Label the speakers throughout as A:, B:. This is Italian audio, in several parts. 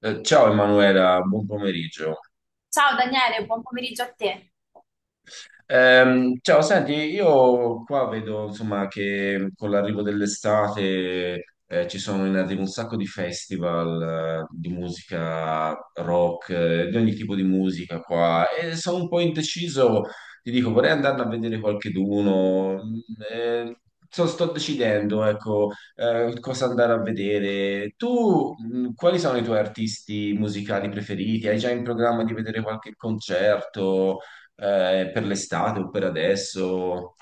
A: Ciao Emanuela, buon pomeriggio.
B: Ciao Daniele, buon pomeriggio a te.
A: Ciao, senti, io qua vedo insomma che con l'arrivo dell'estate ci sono in arrivo un sacco di festival di musica rock, di ogni tipo di musica qua e sono un po' indeciso, ti dico, vorrei andarne a vedere qualcheduno. Eh, sto decidendo, ecco, cosa andare a vedere. Tu, quali sono i tuoi artisti musicali preferiti? Hai già in programma di vedere qualche concerto? Per l'estate o per adesso?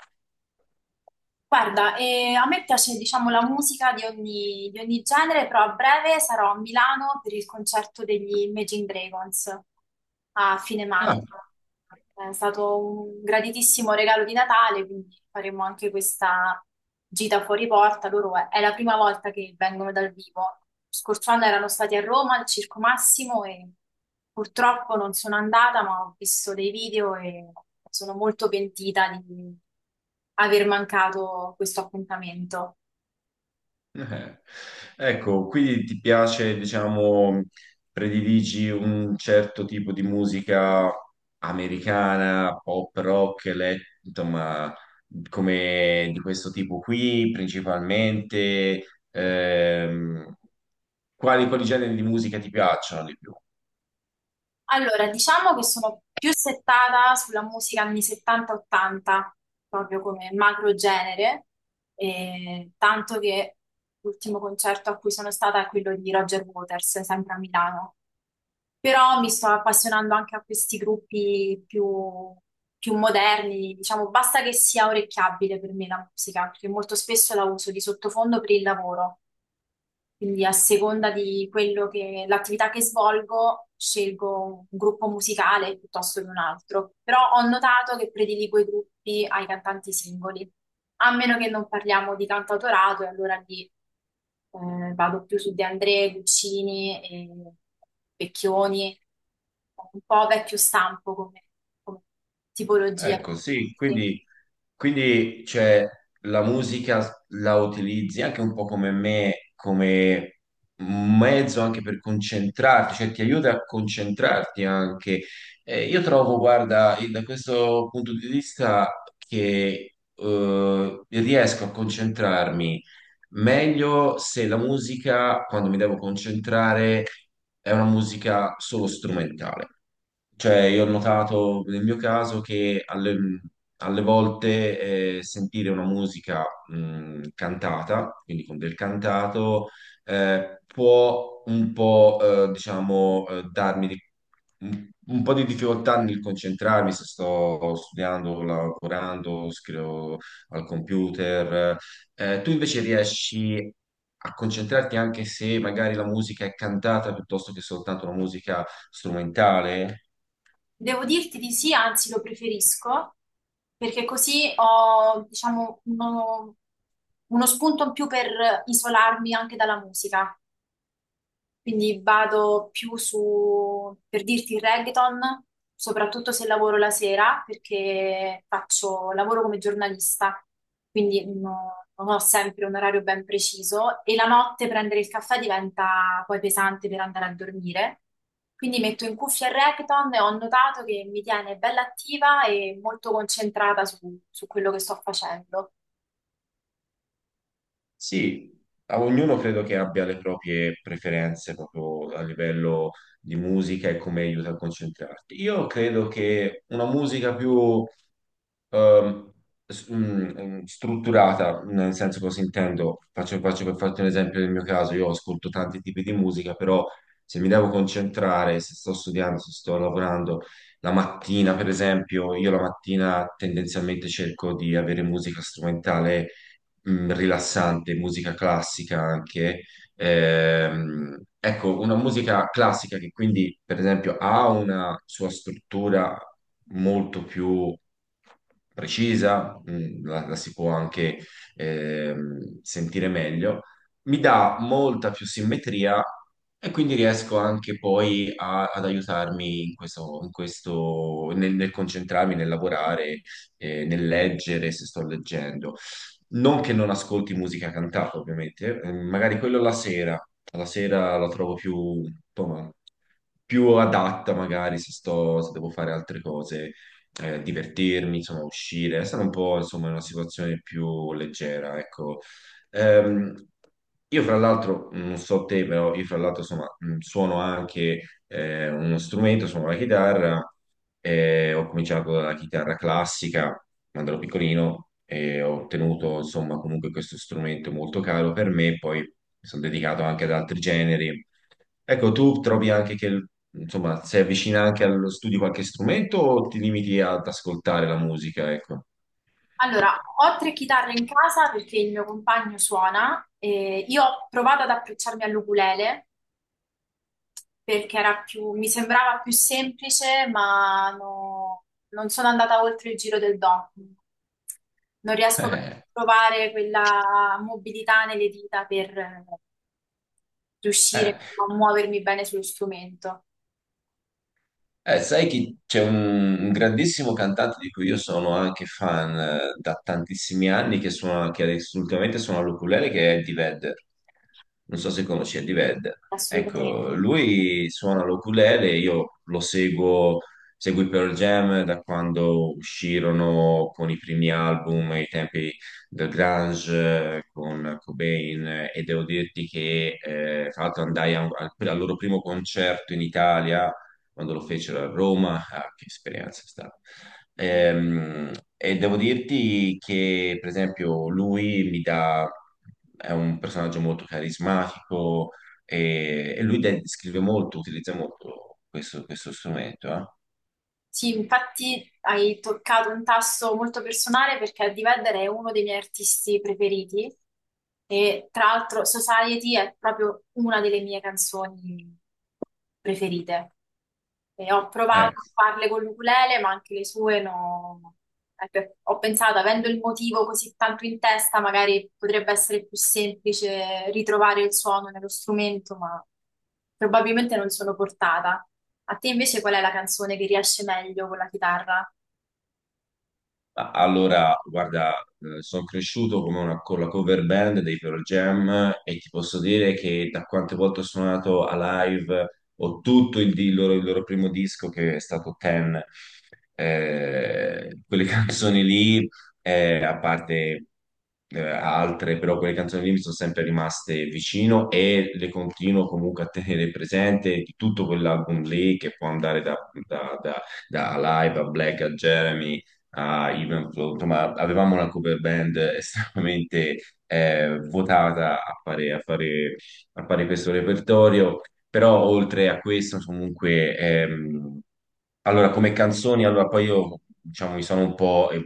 B: Guarda, a me piace, diciamo, la musica di di ogni genere, però a breve sarò a Milano per il concerto degli Imagine Dragons a fine maggio.
A: Ah,
B: È stato un graditissimo regalo di Natale, quindi faremo anche questa gita fuori porta. Loro è la prima volta che vengono dal vivo. Lo scorso anno erano stati a Roma al Circo Massimo e purtroppo non sono andata, ma ho visto dei video e sono molto pentita di aver mancato questo appuntamento.
A: eh. Ecco, quindi ti piace, diciamo, prediligi un certo tipo di musica americana, pop, rock, insomma, come di questo tipo qui, principalmente. Ehm, quali generi di musica ti piacciono di più?
B: Allora, diciamo che sono più settata sulla musica anni 70-80, proprio come macro genere, e tanto che l'ultimo concerto a cui sono stata è quello di Roger Waters, sempre a Milano. Però mi sto appassionando anche a questi più moderni, diciamo, basta che sia orecchiabile per me la musica, perché molto spesso la uso di sottofondo per il lavoro. Quindi a seconda di quello che l'attività che svolgo, scelgo un gruppo musicale piuttosto che un altro. Però ho notato che prediligo i gruppi ai cantanti singoli, a meno che non parliamo di cantautorato, e allora lì, vado più su De André, Guccini e Vecchioni, un po' vecchio stampo come tipologia.
A: Ecco, sì,
B: Sì.
A: quindi cioè, la musica la utilizzi anche un po' come me, come un mezzo anche per concentrarti, cioè ti aiuta a concentrarti anche. Io trovo, guarda, da questo punto di vista che riesco a concentrarmi meglio se la musica, quando mi devo concentrare, è una musica solo strumentale. Cioè, io ho notato nel mio caso che alle volte sentire una musica cantata, quindi con del cantato, può un po', diciamo, darmi un po' di difficoltà nel concentrarmi se sto studiando, lavorando, scrivo al computer. Tu invece riesci a concentrarti anche se magari la musica è cantata piuttosto che soltanto una musica strumentale?
B: Devo dirti di sì, anzi lo preferisco, perché così ho, diciamo, uno spunto in più per isolarmi anche dalla musica. Quindi vado più su, per dirti, il reggaeton, soprattutto se lavoro la sera, perché lavoro come giornalista, quindi non ho sempre un orario ben preciso e la notte prendere il caffè diventa poi pesante per andare a dormire. Quindi metto in cuffia il reggaeton e ho notato che mi tiene bella attiva e molto concentrata su quello che sto facendo.
A: Sì, a ognuno credo che abbia le proprie preferenze proprio a livello di musica e come aiuta a concentrarti. Io credo che una musica più ehm, strutturata, nel senso cosa intendo, faccio per farti un esempio del mio caso, io ascolto tanti tipi di musica, però se mi devo concentrare, se sto studiando, se sto lavorando, la mattina per esempio, io la mattina tendenzialmente cerco di avere musica strumentale, rilassante, musica classica anche. Ecco, una musica classica che quindi, per esempio, ha una sua struttura molto più precisa, la si può anche sentire meglio, mi dà molta più simmetria e quindi riesco anche poi ad aiutarmi in questo, nel concentrarmi, nel lavorare, nel leggere se sto leggendo. Non che non ascolti musica cantata, ovviamente, magari quello la sera, la sera la trovo più, insomma, più adatta magari se sto, se devo fare altre cose, divertirmi, insomma, uscire, stare un po', insomma, in una situazione più leggera, ecco. Ehm, io fra l'altro, non so te, però io fra l'altro, insomma, suono anche uno strumento, suono la chitarra, ho cominciato dalla chitarra classica, quando ero piccolino e ho ottenuto insomma comunque questo strumento molto caro per me, poi mi sono dedicato anche ad altri generi. Ecco, tu trovi anche che insomma sei avvicina anche allo studio qualche strumento o ti limiti ad ascoltare la musica, ecco?
B: Allora, ho tre chitarre in casa perché il mio compagno suona. E io ho provato ad approcciarmi all'ukulele perché mi sembrava più semplice, ma non sono andata oltre il giro del do. Non riesco proprio
A: Eh,
B: a trovare quella mobilità nelle dita per riuscire
A: eh,
B: insomma, a muovermi bene sullo strumento.
A: sai che c'è un grandissimo cantante di cui io sono anche fan da tantissimi anni, che adesso ultimamente suona l'ukulele, che è Eddie Vedder. Non so se conosci Eddie Vedder.
B: Assolutamente.
A: Ecco, lui suona l'ukulele, io lo seguo, seguo i Pearl Jam da quando uscirono con i primi album, ai tempi del grunge, con Cobain, e devo dirti che tra l'altro andai a un- al al loro primo concerto in Italia quando lo fecero a Roma, ah, che esperienza è stata. Ehm, e devo dirti che, per esempio, lui mi dà, è un personaggio molto carismatico e lui scrive molto, utilizza molto questo strumento.
B: Sì, infatti hai toccato un tasto molto personale perché Eddie Vedder è uno dei miei artisti preferiti e tra l'altro Society è proprio una delle mie canzoni preferite. E ho provato
A: Ecco.
B: a farle con l'ukulele, ma anche le sue no. Ecco, ho pensato, avendo il motivo così tanto in testa, magari potrebbe essere più semplice ritrovare il suono nello strumento, ma probabilmente non sono portata. A te invece qual è la canzone che riesce meglio con la chitarra?
A: Ah, allora, guarda, sono cresciuto con la cover band dei Pearl Jam e ti posso dire che da quante volte ho suonato a live ho tutto il loro primo disco che è stato Ten. Quelle canzoni lì, a parte altre, però quelle canzoni lì mi sono sempre rimaste vicino e le continuo comunque a tenere presente di tutto quell'album lì che può andare da, da, da- da Alive a Black a Jeremy a Evenflow, insomma, avevamo una cover band estremamente votata a fare questo repertorio, però oltre a questo, comunque, allora, come canzoni, allora poi io, diciamo, mi sono un po',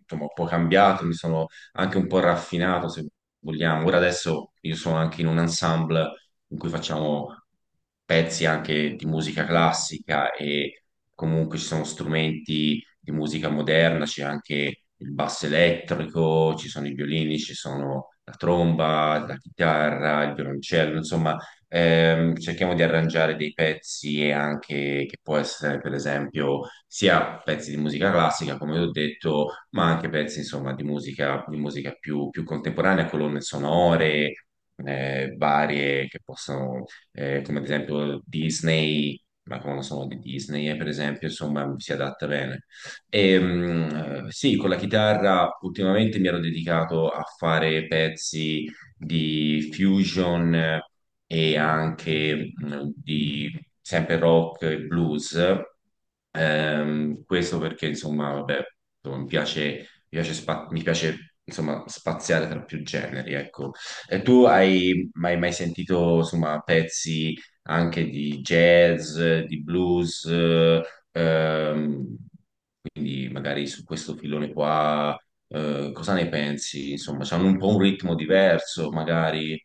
A: insomma, un po' cambiato, mi sono anche un po' raffinato, se vogliamo. Ora adesso io sono anche in un ensemble in cui facciamo pezzi anche di musica classica e comunque ci sono strumenti di musica moderna, c'è anche il basso elettrico, ci sono i violini, ci sono la tromba, la chitarra, il violoncello, insomma, cerchiamo di arrangiare dei pezzi e anche che può essere, per esempio, sia pezzi di musica classica, come ho detto, ma anche pezzi, insomma, di musica più, più contemporanea, colonne sonore. Varie che possono, come ad esempio Disney, ma come sono di Disney, per esempio, insomma, si adatta bene. E, sì, con la chitarra ultimamente mi ero dedicato a fare pezzi di fusion e anche di sempre rock e blues. Questo perché, insomma, vabbè, insomma, mi piace, insomma, spaziare tra più generi, ecco. E tu hai mai sentito, insomma, pezzi anche di jazz, di blues? Ehm, quindi magari su questo filone qua, cosa ne pensi? Insomma, c'hanno un po' un ritmo diverso, magari.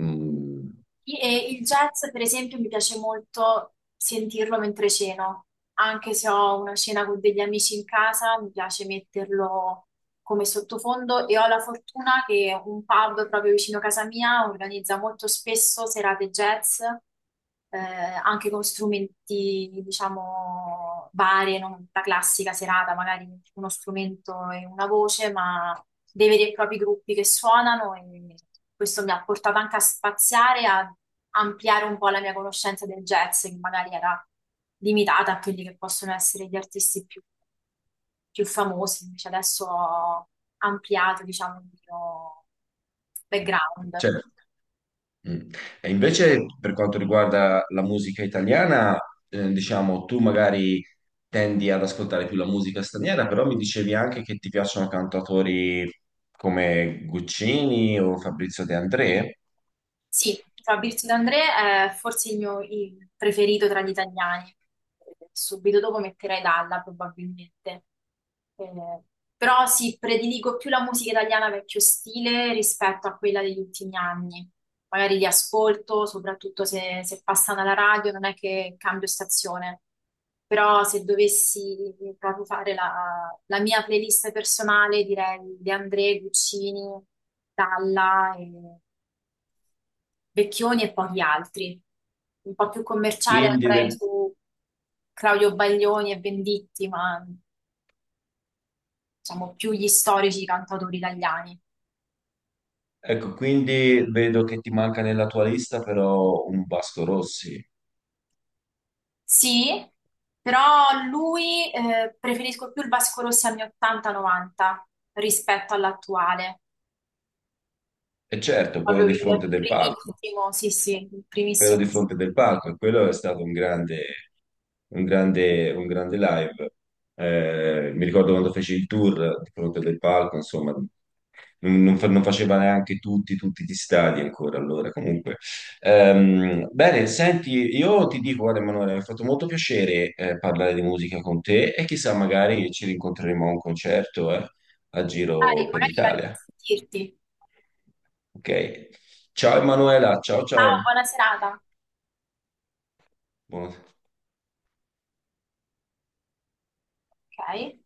A: Mm,
B: E il jazz, per esempio, mi piace molto sentirlo mentre ceno. Anche se ho una cena con degli amici in casa, mi piace metterlo come sottofondo e ho la fortuna che un pub proprio vicino a casa mia organizza molto spesso serate jazz, anche con strumenti, diciamo, varie, non la classica serata, magari uno strumento e una voce, ma dei veri e propri gruppi che suonano e questo mi ha portato anche a spaziare, a ampliare un po' la mia conoscenza del jazz, che magari era limitata a quelli che possono essere gli artisti più famosi, invece adesso ho ampliato, diciamo, il mio background.
A: certo. Mm. E invece per quanto riguarda la musica italiana, diciamo, tu magari tendi ad ascoltare più la musica straniera, però mi dicevi anche che ti piacciono cantatori come Guccini o Fabrizio De André.
B: Sì, Fabrizio D'André è forse il preferito tra gli italiani. Subito dopo metterei Dalla, probabilmente. Eh, Però sì, prediligo più la musica italiana vecchio stile rispetto a quella degli ultimi anni. Magari li ascolto, soprattutto se passano alla radio, non è che cambio stazione. Però se dovessi proprio fare la mia playlist personale, direi De André, Guccini, Dalla Vecchioni e pochi altri. Un po' più commerciale
A: quindi,
B: andrei
A: ve-
B: su Claudio Baglioni e Venditti, ma diciamo più gli storici cantautori italiani.
A: ecco, quindi vedo che ti manca nella tua lista però un Vasco Rossi.
B: Sì, però lui, preferisco più il Vasco Rossi anni 80-90 rispetto all'attuale.
A: E certo, quello
B: Proprio
A: di
B: il
A: fronte del palco,
B: primissimo, sì, sì, il
A: quello
B: primissimo.
A: di fronte del palco, e quello è stato un grande live. Mi ricordo quando feci il tour di fronte del palco, insomma, non faceva neanche tutti gli stadi ancora allora. Comunque, bene, senti, io ti dico, guarda, Emanuele, mi ha fatto molto piacere parlare di musica con te e chissà, magari ci rincontreremo a un concerto a
B: Dai,
A: giro per
B: magari la
A: l'Italia.
B: sentirti.
A: Ok. Ciao Emanuela, ciao ciao.
B: Ciao, buona serata.
A: Buona-
B: Ok.